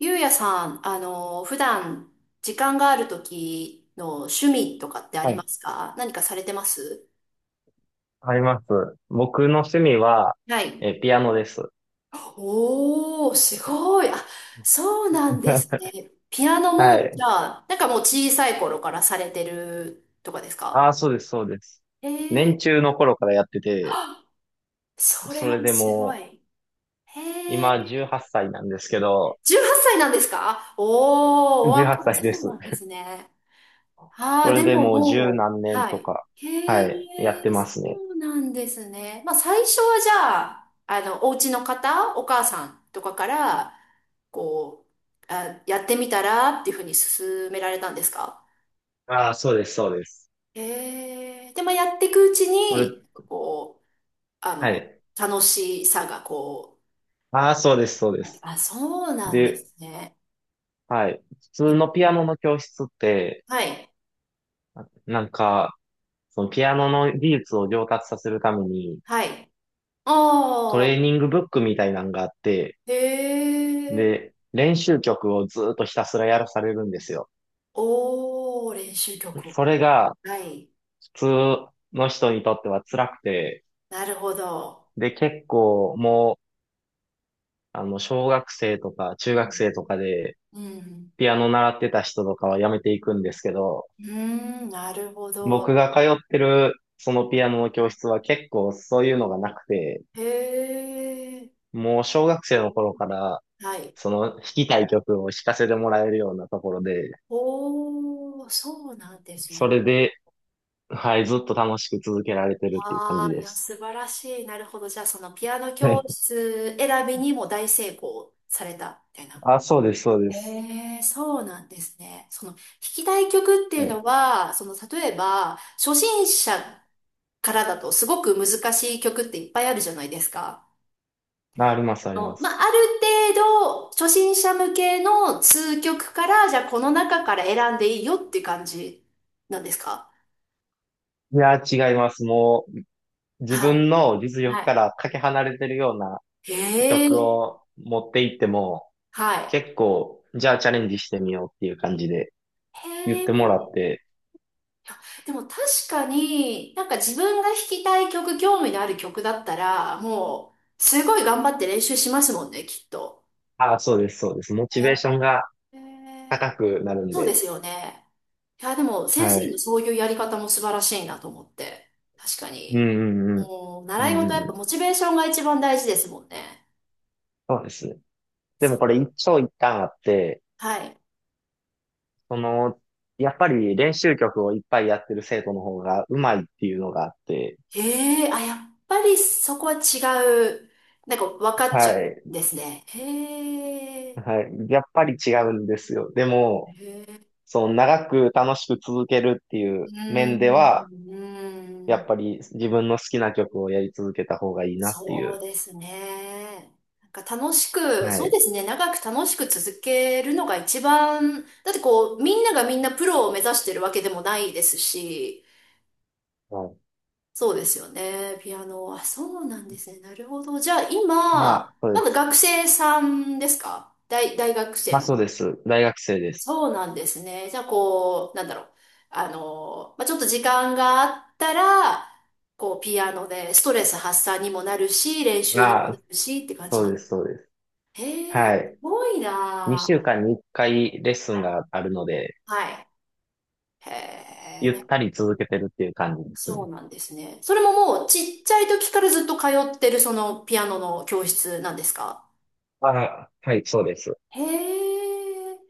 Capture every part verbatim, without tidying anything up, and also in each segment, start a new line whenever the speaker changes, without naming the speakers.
ゆうやさん、あの、普段時間がある時の趣味とかってあり
は
ま
い。
すか？何かされてます？
あります。僕の趣味は、
はい。
えー、ピアノです。
おー、すごい。あ、そうなんですね。ピアノ
は
も、じ
い。
ゃあ、なんかもう小さい頃からされてるとかです
あ
か？
あ、そうです、そうです。
えー、
年中の頃からやってて、
あ、それ
そ
は
れで
すご
も
い。へ
う、
え、
今じゅうはっさいなんですけど、
じゅうはっさいなんですか？おー、お
18
若い。
歳で
そうな
す。
んですね。あ
そ
あ、
れ
で
で
も
もう十
も
何
う、
年
は
と
い。
か、
へえ、
はい、やってま
そ
すね。
うなんですね。まあ、最初はじゃあ、あの、お家の方、お母さんとかから、こう、あ、やってみたらっていうふうに勧められたんですか？
ああ、そうです、そうです。
へえ、で、まあ、やっていくうち
そ
に、
れ、
こう、あ
は
の、
い。
楽しさがこ
ああ、そうです、そうで
う、
す。
あ、そうなんで
で、
すね。
はい。普通
え、
のピアノの教室って、
はい、
なんか、そのピアノの技術を上達させるために、
はい。
ト
あ
レーニ
あ、
ングブックみたいなんがあって、
へえ、
で、練習曲をずーっとひたすらやらされるんですよ。
おー、練習曲。
それが
はい。
普通の人にとっては辛くて、
なるほど。
で、結構もう、あの、小学生とか中学生とかで
うん。
ピアノ習ってた人とかはやめていくんですけど、
うーん、なるほど。
僕が通ってるそのピアノの教室は結構そういうのがなくて、
へえ。
もう小学生の頃から
はい。
その弾きたい曲を弾かせてもらえるようなところで、
おー、そうなんです
そ
ね。
れではい、ずっと楽しく続けられてるっていう感
あ
じ
あ、い
で
や、素
す。
晴らしい。なるほど。じゃあ、そのピアノ
は
教
い。
室選びにも大成功されたみたいな。
あ、そうです、そうです。
ええ、そうなんですね。その、弾きたい曲ってい
は
う
い。
のは、その、例えば、初心者からだとすごく難しい曲っていっぱいあるじゃないですか。
まあ、あります、ありま
の、まあ、
す。
ある程度、初心者向けの数曲から、じゃあこの中から選んでいいよっていう感じなんですか？
いや、違います。もう、自
はい。
分の実力か
は
らかけ離れてるような
い。へ
曲
え。
を持っていっても、
は
結構、じゃあチャレンジしてみようっていう感じで
い。
言っ
へ
てもら
え。
って、
でも確かに、なんか自分が弾きたい曲、興味のある曲だったら、もう、すごい頑張って練習しますもんね、きっと。
あ、そうです、そうです。モチ
へ
ベーションが
え。
高くなるん
そうで
で、
すよね。いや、でも先
は
生の
い。
そういうやり方も素晴らしいなと思って。確か
うん
に。
うんうん。
もう、
う
習い
ん
事は
うん
やっ
う
ぱモチ
ん。
ベーションが一番大事ですもんね。
そうですね。でも
そう。
これ一長一短あって、
はい。
その、やっぱり練習曲をいっぱいやってる生徒の方がうまいっていうのがあって、
へえ、あ、やっぱりそこは違う。なんか分かっちゃう
は
ん
い、
ですね。へえ。
はい、やっぱり違うんですよ。でも、
へえ。
その長く楽しく続けるってい
う
う
ー
面では、
ん、うー
やっ
ん。
ぱり自分の好きな曲をやり続けた方がいいなってい
そ
う。
うですね。なんか楽しく、
は
そう
い。
ですね。長く楽しく続けるのが一番、だってこう、みんながみんなプロを目指してるわけでもないですし、
はい、
そうですよね。ピアノ。あ、そうなんですね。なるほど。じゃあ今、
まあ、そう
ま
で
だ
す。
学生さんですか？大、大学
ま
生
あ、
の。
そうです。大学生です。
そうなんですね。じゃあこう、なんだろう。あの、まあ、ちょっと時間があったら、こう、ピアノでストレス発散にもなるし、練習にも
ま
な
あ、
るしって感じ
そう
な。
です、そうです。
へえ、す
はい。
ごいな
2週
あ。
間にいっかいレッスン
はい。
があるので、
はい。へえ、
ゆっ
な
たり続けてるっていう感じです
そ
ね。
うなんですね。それももうちっちゃい時からずっと通ってるそのピアノの教室なんですか？
あ、はい、そうです。
へえ。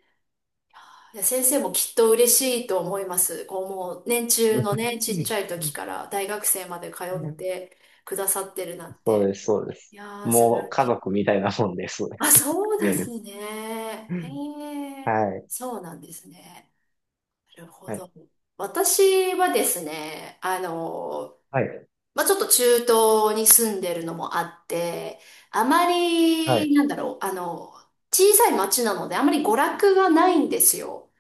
いや先生もきっと嬉しいと思います。こうもう年中 のね、ち
う
っ
ん
ちゃい時から大学生まで通ってくださってるなん
そう
て。
です、そうで
い
す。
やー、素晴
もう
らし
家
い。
族みたいなもんです。
あ、そうですね。
う
へ
ん
え。
はい、
そうなんですね。なるほ
は
ど。
い、
私はですね、あの、
はい、
まあ、ちょっと中東に住んでるのもあって、あま
はい。
り、なんだろう、あの、小さい町なのであまり娯楽がないんですよ。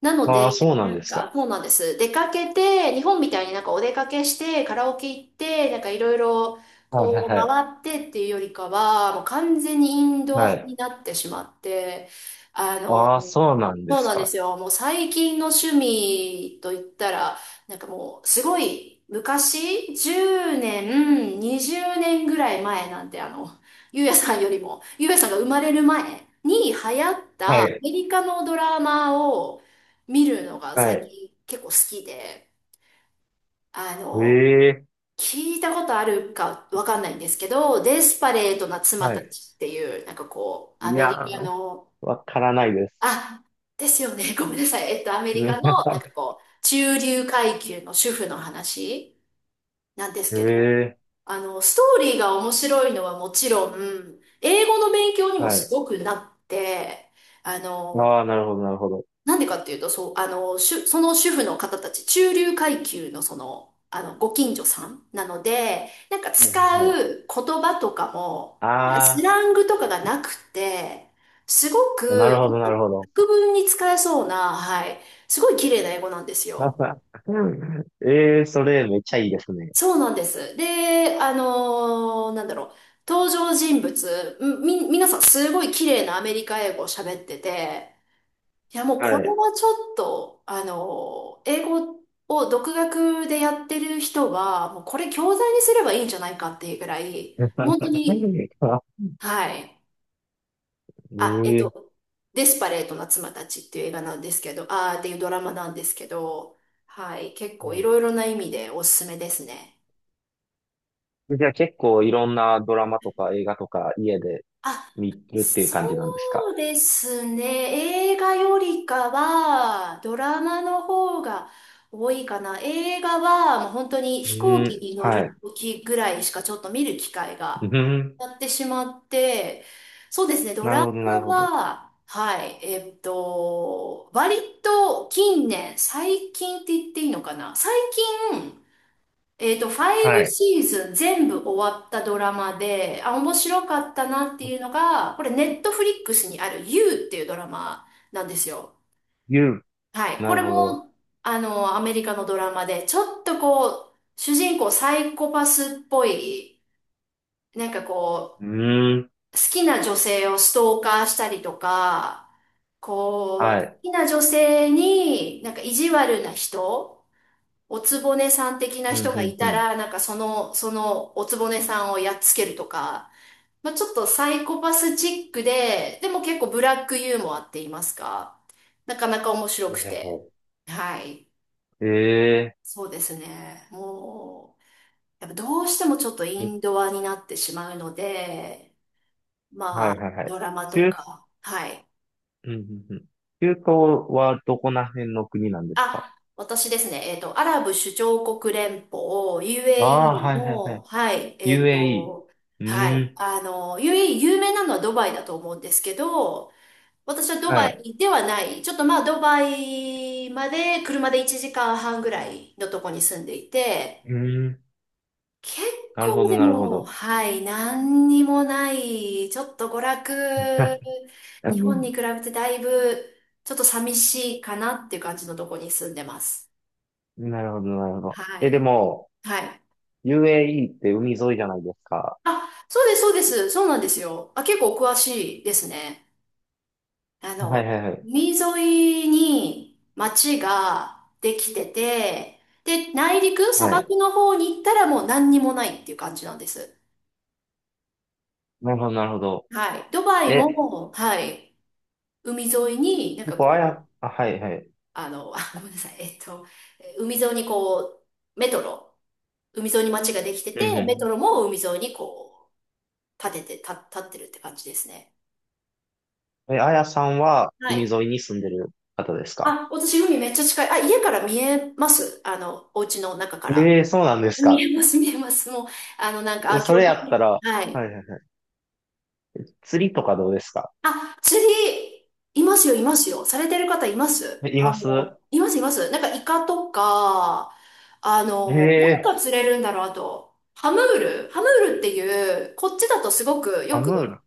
なので、
ああ、そうな
な
んで
ん
す
か、
か。
そうなんです。出かけて、日本みたいになんかお出かけして、カラオケ行って、なんかいろいろ
はい、はい、
こう
はい。
回ってっていうよりかは、もう完全にインド
は
ア
い
になってしまって、あの、
ああ、そうなんで
そう
す
なんで
か。
すよ。もう最近の趣味といったら、なんかもうすごい昔、じゅうねん、にじゅうねんぐらい前なんで、あの、ゆうやさんよりも、ゆうやさんが生まれる前に流行っ
は
たア
い、
メリカのドラマを、見るのが
は
最
い。
近結構好きで、あ
え
の、
え、
聞いたことあるかわかんないんですけど、デスパレートな妻
は
た
い。
ちっていう、なんかこう、ア
い
メ
や
リカ
ー、
の、
わからないです。
あ、ですよね、ごめんなさい。えっと、アメリカの、な んかこう、中流階級の主婦の話なんです
え
けど、
え、
あの、ストーリーが面白いのはもちろん、英語の勉強にも
は
す
い。
ごくなって、あの、
ああ、なるほど、なるほど。
なんでかっていうと、そう、あの、主その主婦の方たち、中流階級のその、あの、ご近所さんなので、なんか
う
使
んはい、
う言葉とかも、なんかス
あ
ラングとかがなくて、すご
あ、なる
く、
ほど、なるほど。
国文に使えそうな、はい、すごい綺麗な英語なんですよ。
ええ、それめっちゃいいですね。
そうなんです。で、あのーなんだろう、登場人物、み、皆さんすごい綺麗なアメリカ英語を喋ってて、いや、もうこれ
はい。
はちょっと、あの、英語を独学でやってる人は、もうこれ教材にすればいいんじゃないかっていうぐらい、本当
ええ
に、はい。あ、えっと、デスパレートな妻たちっていう映画なんですけど、あーっていうドラマなんですけど、はい。結構いろいろな意味でおすすめですね。
うんじゃあ結構いろんなドラマとか映画とか家で
あ、
見るっていう
そ
感じなんですか？
うですね。映画よりかは、ドラマの方が多いかな。映画は、もう本当に
う
飛行機
ん、
に乗
は
る
い。
時ぐらいしかちょっと見る機会
う
が
ん、
やってしまって、そうですね。ド
なる
ラ
ほど、なる
マ
ほど。
は、はい、えっと、割と近年、最近って言っていいのかな。最近、えっと、ファイ
は
ブ
い。
シーズン全部終わったドラマで、あ、面白かったなっていうのが、これネットフリックスにある You っていうドラマなんですよ。
言う。
はい。
な
こ
る
れ
ほど。
も、あの、アメリカのドラマで、ちょっとこう、主人公サイコパスっぽい、なんかこ
うん、
う、好きな女性をストーカーしたりとか、こう、
は
好
い。
きな女性になんか意地悪な人、おつぼねさん的な
うん、
人が
う
い
ん、
た
う
ら、なんかその、そのおつぼねさんをやっつけるとか、まあ、ちょっとサイコパスチックで、でも結構ブラックユーモアって言いますか、なかなか面白く
ん。
て。はい。
ええ
そうですね。もう、やっぱどうしてもちょっと
え
インドアになってしまうので、
は
まあ、
い、はい、はい。
ドラマ
中、
と
うん、
か、はい。
うん、うん。中東はどこら辺の国なんですか？
あ、私ですね、えっと、アラブ首長国連邦、
ああ、は
ユーエーイー
い、はい、は
の、
い。
はい、えっと、
ユーエーイー。
は
う
い、
ん、
あの、ユーエーイー 有名なのはドバイだと思うんですけど、私はド
は
バ
い。
イではない、ちょっとまあドバイまで車でいちじかんはんぐらいのとこに住んでいて、
うん、
結
なるほ
構
ど、
で
なるほ
も、
ど。
はい、何にもない、ちょっと娯楽、
う
日本に
ん
比べてだいぶ、ちょっと寂しいかなっていう感じのとこに住んでます。
なるほど、なるほど。
は
え、で
い。
も、
はい。
ユーエーイー って海沿いじゃないですか。
あ、そうです、そうです。そうなんですよ。あ、結構お詳しいですね。あ
は
の、
いはいはい。
海沿いに町ができてて、で、内陸、砂
はい。
漠の方に行ったらもう何にもないっていう感じなんです。
なるほど、なるほど。
はい。ドバイ
え、
も、はい。海沿いになん
結
か
構あ
こう、
や、あ、はいはい。
あの、あ、ごめんなさい。えっと、え海沿いにこう、メトロ、海沿いに町ができてて、
うんう
メト
ん。
ロも海沿いにこう、建てて、た、建ってるって感じですね。
え、あやさんは
は
海
い。
沿いに住んでる方ですか？
あ、私海めっちゃ近い。あ、家から見えます、あの、お家の中から。
ええーそうなんです
見
か。
えます、見えます。もう、あの、なんか、
え、
あ、
そ
今
れ
日
やっ
天
たら、は
気は
いは
い。
いはい。釣りとかどうですか？
あ、釣り、いますよ、いますよ。されてる方います。
え、い
あ
ます
の、います、います。なんか、イカとか、あの、何
ええ
が釣れるんだろう、あと、ハムール。ハムールっていう、こっちだとすごく
ーア
よく、
ムール。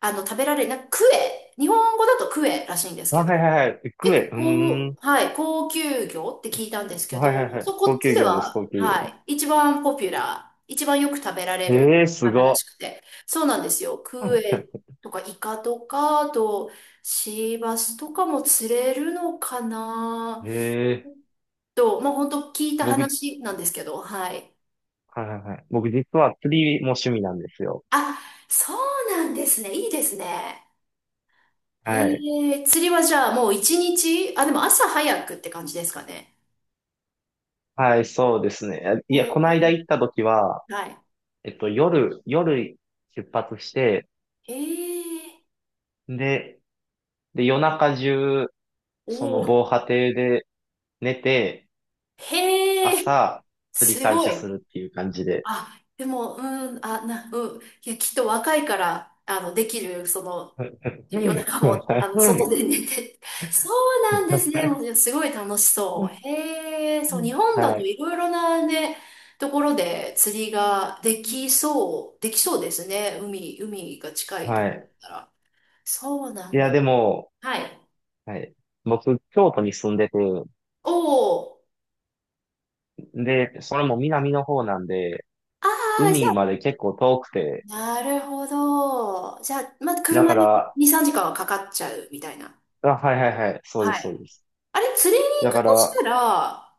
あの、食べられる、なんか、クエ。日本語だとクエらしいんです
あ、
け
はい
ど。
はいはい。クエ。
結
うー
構、高、
ん。
はい、高級魚って聞いたんですけ
はいはいは
ど、
い。
そう、こ
高
っち
級
で
魚です、高
は、
級魚
は
です。
い、一番ポピュラー、一番よく食べられ
え
る
えーす
魚ら
ご。
しくて、そうなんですよ。クエ とかイカとか、あとシーバスとかも釣れるのかな
ええー
と、まあ本当聞いた
僕
話なんですけど、はい。
はいはいはい。僕実は釣りも趣味なんですよ。
あ、そうなんですね。いいですね。へ
はい。
え、釣りはじゃあもう一日、あ、でも朝早くって感じですかね？
はい、そうですね。い
へ
や、この間
え、
行った時は、
はい。
えっと、夜、夜出発して、
へえ。
で、で、夜中中、
お
その
お、
防波堤で寝て、
へえ、
朝、釣り
す
開
ご
始
い。
するっていう感じで。
あ、でも、うん、あ、な、うん、いや、きっと若いから、あの、できる、その、
は
夜中も、あの、外で寝て。そうなんですね。もう、すごい楽しそう。へえ、そう、日本だと
い。
いろいろなね、ところで釣りができそう、できそうですね。海、海が近いと
は
ころ
い。
だったら。そうな
い
ん
や、
で。
でも、
はい。
はい。僕、京都に住んでて、
おお、
で、それも南の方なんで、
ああ、じゃ
海
あ
まで結構遠くて、
なるほど。じゃあ、まあ、
だ
車
か
で
ら、
に、さんじかんはかかっちゃうみたいな。
あ、はいはいはい、そうで
は
す、そう
い。
です。
あれ、釣りに行
だ
く
か
とし
ら、
たら、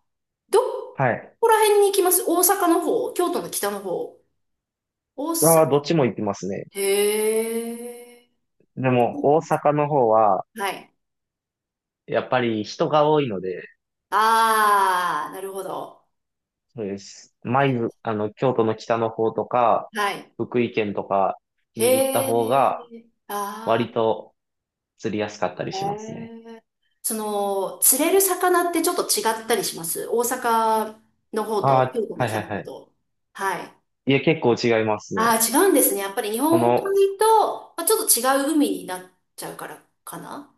ど
はい。
こら辺に行きます？大阪の方、京都の北の方？大阪、
あーどっちも行きますね。
へえ。
でも、大阪の方は、
はい。
やっぱり人が多いので、
ああ、なるほど。
そうです。舞鶴、あの、京都の北の方とか、
はい。
福井県とか
へ
に行った方が、
え。あ
割と釣りやすかったり
あ、
しますね。
へえ。その、釣れる魚ってちょっと違ったりします？大阪の方
あ
と京
あ、
都の
はい
北
はい
の
は
方
い。
と。はい。
いや、結構違いますね。
ああ、違うんですね。やっぱり日
こ
本
の、
海と、まあ、ちょっと違う海になっちゃうからかな。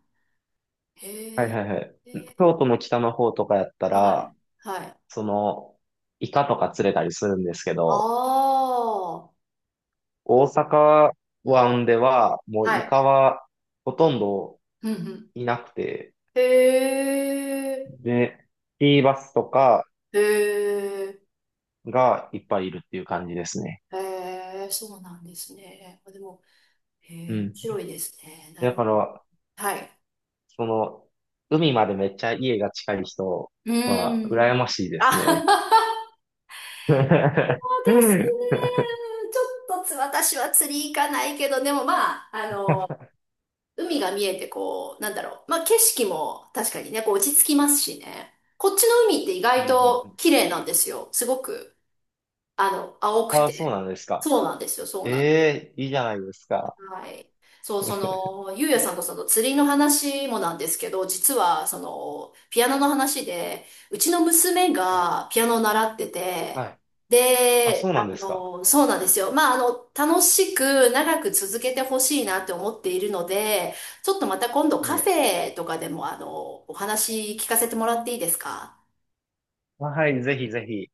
はい
へえ。
はいはい。京都の北の方とかやった
ーは
ら、
い。はい。
その、イカとか釣れたりするんですけ
あ
ど、
あ。
大阪湾では、もう
は
イ
い。
カはほとんど
うんうん。
いなくて、
へえ。
で、シーバスとか
へえ。
がいっぱいいるっていう感じですね。
へえ。そうなんですね。でも、へ
う
え、面
ん。
白いですね。な
だか
る。
ら、
はい。
その、海までめっちゃ家が近い人
う
は、
ん。
羨ましいで
あ
す
は
ね。
は、 そう
う
で
ん
すね。
うん
ちょっとつ、私は釣り行かないけど、でもまあ、あの海が見えてこう、なんだろう。まあ、景色も確かにね、こう落ち着きますしね。こっちの海って意
う
外と
ん
綺麗なんですよ。すごく、あの、青く
あ あ、そう
て。
なんですか。
そうなんですよ、そうなんですよ。
ええいいじゃないですか。
はい。そう、そ の、ゆうやさんとその釣りの話もなんですけど、実はその、ピアノの話で、うちの娘
はい。
がピアノを習ってて、
はい。あ、そ
で、
うなんで
あ
すか。
の、そうなんですよ。まあ、あの、楽しく長く続けてほしいなって思っているので、ちょっとまた今度カフ
ね
ェとかでも、あの、お話聞かせてもらっていいですか？
はい、ぜひぜひ。